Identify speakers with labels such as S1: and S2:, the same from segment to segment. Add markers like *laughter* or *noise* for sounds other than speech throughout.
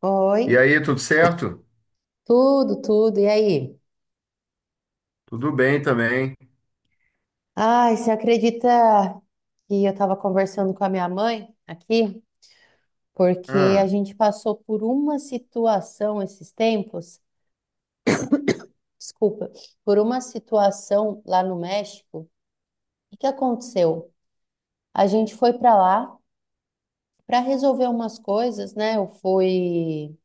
S1: Oi.
S2: E aí, tudo certo?
S1: Tudo, tudo. E aí?
S2: Tudo bem também.
S1: Ai, você acredita que eu estava conversando com a minha mãe aqui? Porque a
S2: Ah,
S1: gente passou por uma situação esses tempos, desculpa, por uma situação lá no México. O que aconteceu? A gente foi para lá para resolver umas coisas, né? Eu fui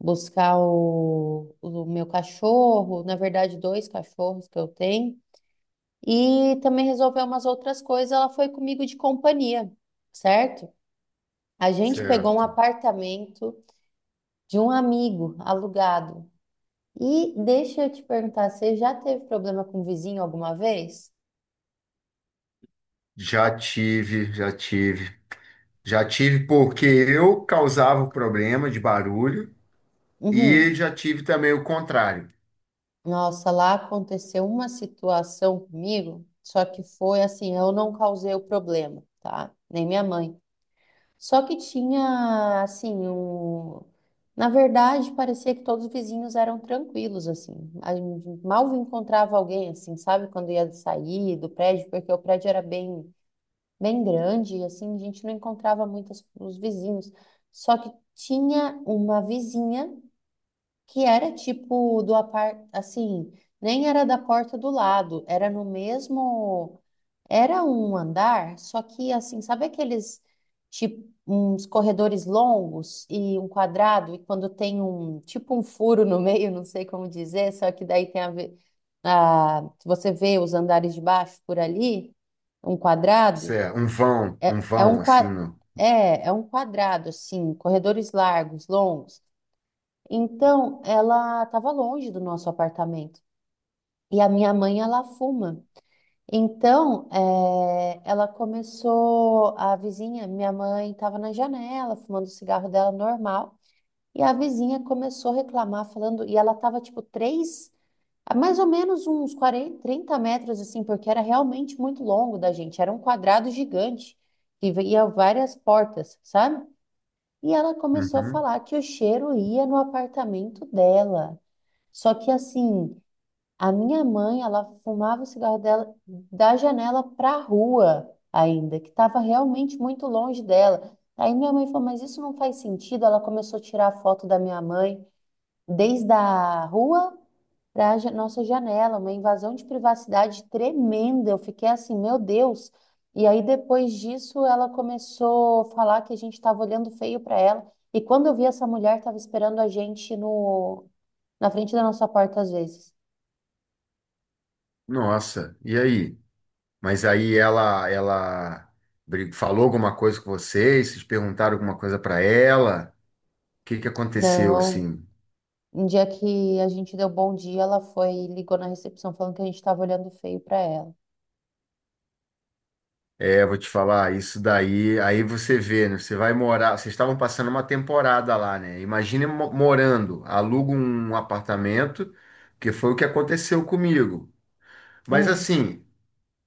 S1: buscar o meu cachorro, na verdade, dois cachorros que eu tenho. E também resolveu umas outras coisas. Ela foi comigo de companhia, certo? A gente pegou um
S2: certo.
S1: apartamento de um amigo alugado. E deixa eu te perguntar, você já teve problema com o vizinho alguma vez?
S2: Já tive, já tive porque eu causava o problema de barulho e
S1: Uhum.
S2: já tive também o contrário.
S1: Nossa, lá aconteceu uma situação comigo, só que foi assim, eu não causei o problema, tá? Nem minha mãe. Só que tinha, assim, um... Na verdade, parecia que todos os vizinhos eram tranquilos, assim. A gente mal encontrava alguém, assim, sabe? Quando ia sair do prédio, porque o prédio era bem, bem grande, e assim, a gente não encontrava muitos os vizinhos. Só que tinha uma vizinha que era tipo do apart, assim, nem era da porta do lado, era no mesmo, era um andar, só que assim, sabe aqueles tipo uns corredores longos e um quadrado e quando tem um tipo um furo no meio, não sei como dizer, só que daí tem a ver, você vê os andares de baixo por ali, um quadrado.
S2: Certo. Um
S1: é, é um
S2: vão assim,
S1: qua-
S2: no...
S1: É, é um quadrado, assim, corredores largos, longos. Então, ela estava longe do nosso apartamento. E a minha mãe, ela fuma. Então, ela começou, a vizinha, minha mãe estava na janela, fumando o cigarro dela normal. E a vizinha começou a reclamar, falando, e ela estava a mais ou menos uns 40, 30 metros assim, porque era realmente muito longo da gente. Era um quadrado gigante, que ia várias portas, sabe? E ela começou a
S2: Uhum.
S1: falar que o cheiro ia no apartamento dela. Só que assim, a minha mãe, ela fumava o cigarro dela da janela para a rua ainda, que estava realmente muito longe dela. Aí minha mãe falou, mas isso não faz sentido. Ela começou a tirar foto da minha mãe desde a rua para a nossa janela, uma invasão de privacidade tremenda. Eu fiquei assim, meu Deus. E aí depois disso, ela começou a falar que a gente estava olhando feio para ela. E quando eu vi essa mulher, estava esperando a gente no, na frente da nossa porta às vezes.
S2: Nossa, e aí? Mas aí ela falou alguma coisa com vocês? Vocês perguntaram alguma coisa para ela? O que que aconteceu
S1: Não.
S2: assim?
S1: Um dia que a gente deu bom dia, ela foi e ligou na recepção falando que a gente estava olhando feio para ela.
S2: É, vou te falar, isso daí, aí você vê, né? Você vai morar, vocês estavam passando uma temporada lá, né? Imagine morando, aluga um apartamento, que foi o que aconteceu comigo. Mas
S1: Hum.
S2: assim,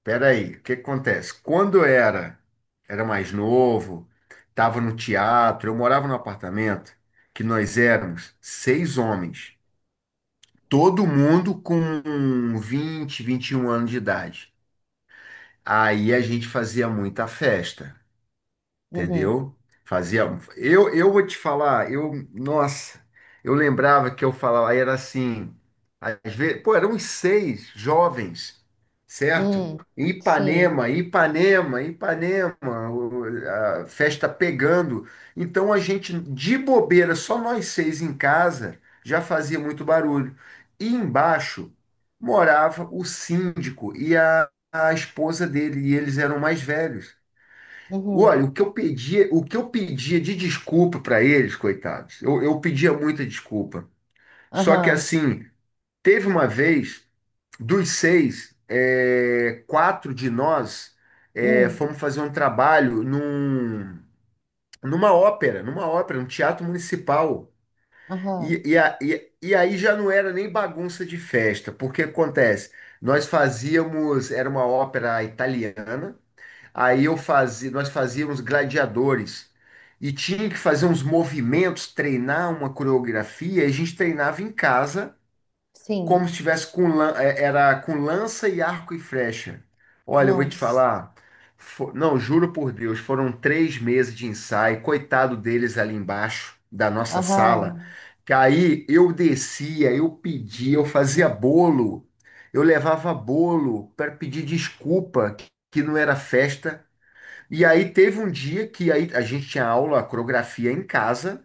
S2: peraí, o que que acontece? Era mais novo, estava no teatro, eu morava num apartamento que nós éramos seis homens, todo mundo com vinte, vinte e um anos de idade. Aí a gente fazia muita festa.
S1: Uhum.
S2: Entendeu? Fazia. Eu, vou te falar, eu, nossa, eu lembrava que eu falava, aí era assim, às vezes, pô, eram uns seis jovens, certo?
S1: Hum.
S2: Em
S1: Sim.
S2: Ipanema, o- a festa pegando. Então a gente, de bobeira, só nós seis em casa, já fazia muito barulho. E embaixo morava o síndico e a esposa dele, e eles eram mais velhos.
S1: Uhum.
S2: Olha, o que eu pedia de desculpa para eles, coitados, eu pedia muita desculpa. Só que
S1: Aham.
S2: assim, teve uma vez, dos seis, é, quatro de nós é,
S1: Hum.
S2: fomos fazer um trabalho numa ópera, num teatro municipal.
S1: Aham.
S2: E aí já não era nem bagunça de festa, porque acontece, nós fazíamos, era uma ópera italiana. Nós fazíamos gladiadores e tinha que fazer uns movimentos, treinar uma coreografia, e a gente treinava em casa,
S1: Sim.
S2: como se tivesse com era com lança e arco e flecha. Olha, eu vou te
S1: Nossa.
S2: falar, não, juro por Deus, foram três meses de ensaio, coitado deles ali embaixo da nossa sala,
S1: Aham.
S2: que aí eu descia, eu pedia, eu fazia bolo, eu levava bolo para pedir desculpa que não era festa. E aí teve um dia que aí a gente tinha aula, coreografia em casa.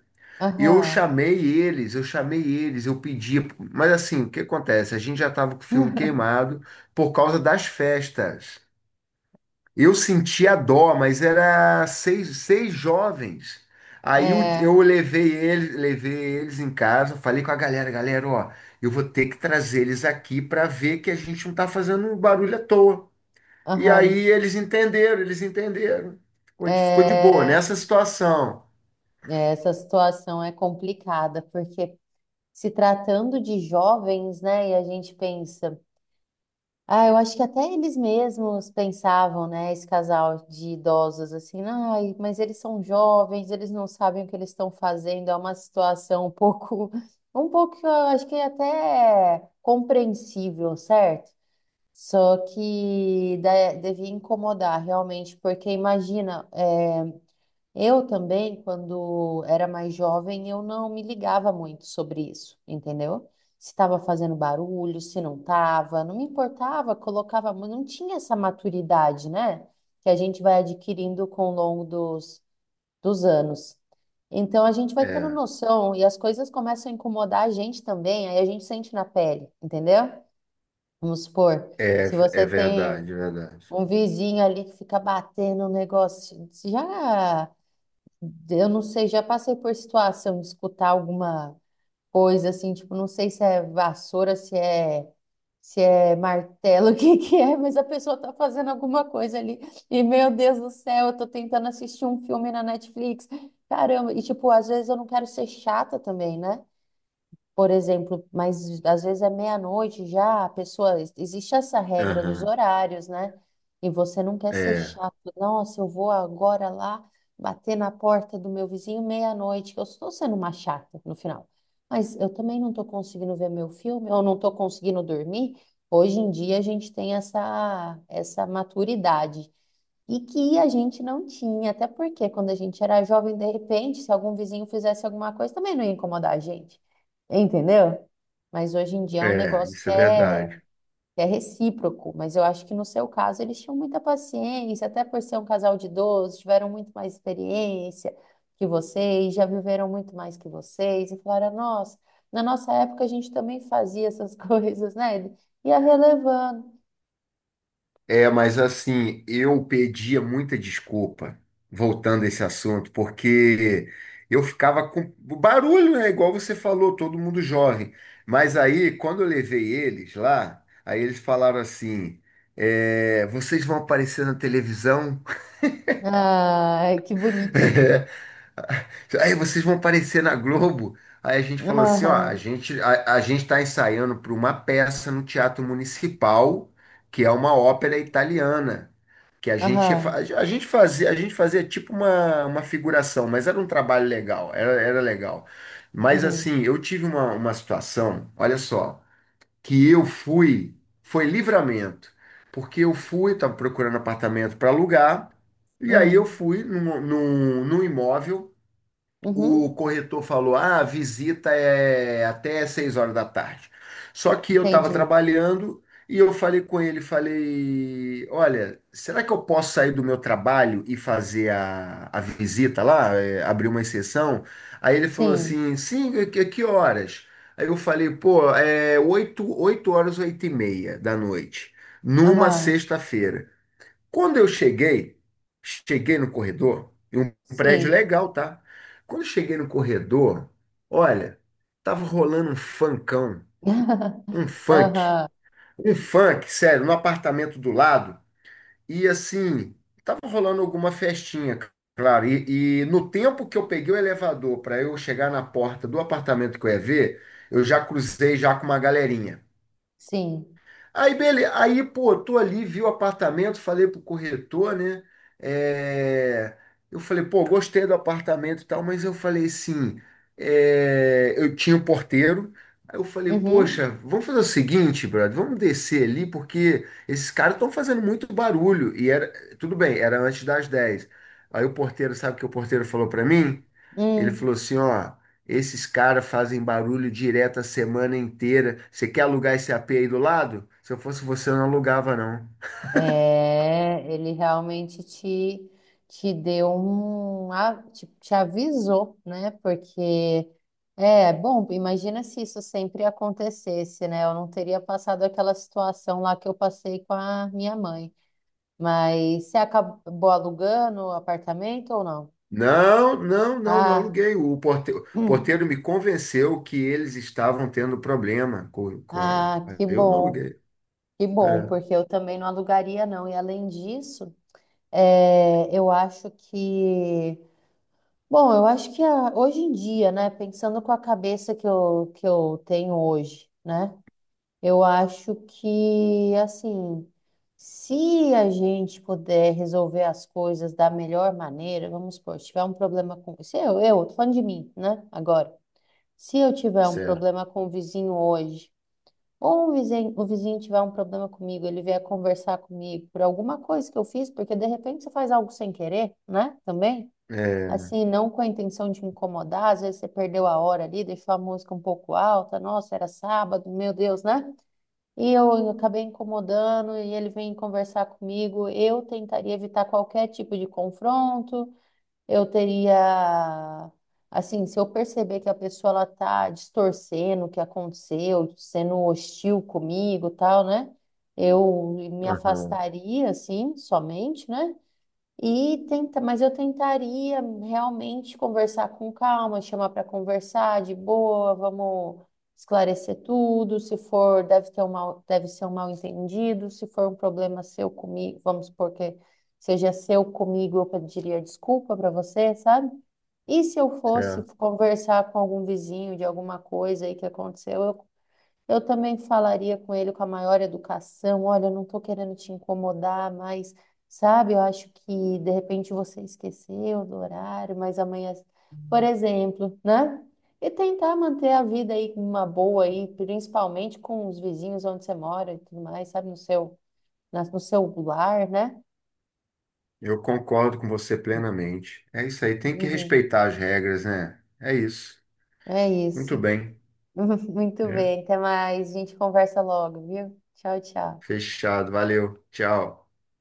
S2: Eu
S1: Aham.
S2: chamei eles, eu chamei eles, eu pedi, mas assim, o que acontece? A gente já estava com o filme
S1: *laughs*
S2: queimado por causa das festas. Eu sentia dó, mas era seis, seis jovens. Aí eu,
S1: É.
S2: eu levei eles em casa, falei com a galera, galera, ó, eu vou ter que trazer eles aqui para ver que a gente não tá fazendo um barulho à toa. E aí
S1: Aham.
S2: eles entenderam, ficou
S1: É,
S2: de boa nessa situação.
S1: é, essa situação é complicada, porque se tratando de jovens, né, e a gente pensa. Ah, eu acho que até eles mesmos pensavam, né, esse casal de idosos, assim, ai, mas eles são jovens, eles não sabem o que eles estão fazendo, é uma situação um pouco, *laughs* um pouco, eu acho que é até compreensível, certo? Só que devia incomodar realmente, porque imagina, eu também, quando era mais jovem, eu não me ligava muito sobre isso, entendeu? Se estava fazendo barulho, se não estava, não me importava, colocava, não tinha essa maturidade, né? Que a gente vai adquirindo com o longo dos anos. Então a gente vai tendo
S2: É,
S1: noção e as coisas começam a incomodar a gente também, aí a gente sente na pele, entendeu? Vamos supor,
S2: é,
S1: se
S2: é
S1: você tem
S2: verdade, é verdade.
S1: um vizinho ali que fica batendo um negócio, já. Eu não sei, já passei por situação de escutar alguma coisa assim, tipo, não sei se é vassoura, se é martelo, *laughs* o que que é, mas a pessoa tá fazendo alguma coisa ali. E meu Deus do céu, eu tô tentando assistir um filme na Netflix. Caramba, e tipo, às vezes eu não quero ser chata também, né? Por exemplo, mas às vezes é meia-noite já, a pessoa, existe essa regra dos
S2: Aham.
S1: horários, né? E você não quer ser
S2: É,
S1: chato. Nossa, eu vou agora lá bater na porta do meu vizinho meia-noite, que eu estou sendo uma chata no final. Mas eu também não estou conseguindo ver meu filme, ou não estou conseguindo dormir. Hoje em dia a gente tem essa maturidade e que a gente não tinha, até porque quando a gente era jovem, de repente, se algum vizinho fizesse alguma coisa, também não ia incomodar a gente, entendeu? Mas hoje em dia é um
S2: é,
S1: negócio
S2: isso é verdade.
S1: que é recíproco. Mas eu acho que no seu caso eles tinham muita paciência, até por ser um casal de idosos, tiveram muito mais experiência que vocês, já viveram muito mais que vocês, e falaram: nossa, na nossa época a gente também fazia essas *laughs* coisas, né? E ia relevando.
S2: É, mas assim, eu pedia muita desculpa, voltando a esse assunto, porque eu ficava com barulho, né? Igual você falou, todo mundo jovem. Mas aí, quando eu levei eles lá, aí eles falaram assim: é, vocês vão aparecer na televisão.
S1: Ai, que
S2: *laughs*
S1: bonitinho.
S2: *laughs* Aí vocês vão aparecer na Globo. Aí a gente falou assim, ó,
S1: Aham.
S2: a gente tá ensaiando para uma peça no Teatro Municipal, que é uma ópera italiana, que a gente fa-
S1: Aham.
S2: a gente fazia a gente fazia tipo uma figuração, mas era um trabalho legal, era, era legal. Mas
S1: Uhum.
S2: assim, eu tive uma situação, olha só, que eu fui, foi livramento, porque eu fui, estava procurando apartamento para alugar, e aí eu
S1: Uhum.
S2: fui num imóvel. O
S1: Uhum.
S2: corretor falou: ah, a visita é até 6 horas da tarde. Só que eu estava
S1: Entendi.
S2: trabalhando e eu falei com ele, falei, olha, será que eu posso sair do meu trabalho e fazer a visita lá, é, abrir uma exceção? Aí ele falou
S1: Sim.
S2: assim, sim, que horas? Aí eu falei, pô, é 8 horas, 8 e meia da noite, numa
S1: Aham.
S2: sexta-feira. Quando eu cheguei, cheguei no corredor, e um prédio
S1: Sim.
S2: legal, tá? Quando eu cheguei no corredor, olha, tava rolando um funkão,
S1: *laughs*
S2: um funk,
S1: Aham.
S2: um funk, sério, no apartamento do lado, e assim, tava rolando alguma festinha, claro. E no tempo que eu peguei o elevador para eu chegar na porta do apartamento que eu ia ver, eu já cruzei já com uma galerinha.
S1: Sim.
S2: Aí, beleza. Aí, pô, tô ali, vi o apartamento, falei pro corretor, né? É, eu falei, pô, gostei do apartamento e tal, mas eu falei assim, é, eu tinha um porteiro. Aí eu falei, poxa,
S1: Uhum.
S2: vamos fazer o seguinte, brother, vamos descer ali, porque esses caras estão fazendo muito barulho. Tudo bem, era antes das 10. Aí o porteiro, sabe o que o porteiro falou pra mim? Ele
S1: Hum.
S2: falou assim, ó, esses caras fazem barulho direto a semana inteira. Você quer alugar esse AP aí do lado? Se eu fosse você, eu não alugava, não.
S1: É, ele realmente te deu um, te avisou, né? Porque é bom, imagina se isso sempre acontecesse, né? Eu não teria passado aquela situação lá que eu passei com a minha mãe. Mas você acabou alugando o apartamento ou não?
S2: Não
S1: Ah,
S2: aluguei. O
S1: hum.
S2: porteiro me convenceu que eles estavam tendo problema com...
S1: Ah,
S2: a- Eu não aluguei.
S1: que bom,
S2: É,
S1: porque eu também não alugaria, não. E além disso, é, eu acho que, bom, eu acho que hoje em dia, né, pensando com a cabeça que eu tenho hoje, né, eu acho que, assim, se a gente puder resolver as coisas da melhor maneira, vamos supor, se tiver um problema com, se eu, tô falando de mim, né, agora, se eu tiver um problema
S2: certo.
S1: com o vizinho hoje. Ou o vizinho tiver um problema comigo, ele vier conversar comigo por alguma coisa que eu fiz, porque de repente você faz algo sem querer, né? Também.
S2: É,
S1: Assim, não com a intenção de incomodar, às vezes você perdeu a hora ali, deixou a música um pouco alta, nossa, era sábado, meu Deus, né? E eu acabei incomodando e ele vem conversar comigo. Eu tentaria evitar qualquer tipo de confronto, eu teria, assim, se eu perceber que a pessoa ela tá distorcendo o que aconteceu, sendo hostil comigo, e tal, né? Eu me
S2: aham,
S1: afastaria, assim, somente, né? E tenta, mas eu tentaria realmente conversar com calma, chamar para conversar de boa, vamos esclarecer tudo. Se for, deve ter um mal, deve ser um mal-entendido. Se for um problema seu comigo, vamos supor que seja seu comigo, eu pediria desculpa para você, sabe? E se eu fosse
S2: certo.
S1: conversar com algum vizinho de alguma coisa aí que aconteceu, eu também falaria com ele com a maior educação. Olha, eu não estou querendo te incomodar, mas sabe, eu acho que de repente você esqueceu do horário, mas amanhã, por exemplo, né? E tentar manter a vida aí uma boa aí, principalmente com os vizinhos onde você mora e tudo mais, sabe, no seu, no seu lar, né?
S2: Eu concordo com você plenamente. É isso aí, tem que
S1: Uhum.
S2: respeitar as regras, né? É isso.
S1: É
S2: Muito
S1: isso.
S2: bem.
S1: *laughs* Muito
S2: Né?
S1: bem, até mais. A gente conversa logo, viu? Tchau, tchau.
S2: Fechado, valeu. Tchau.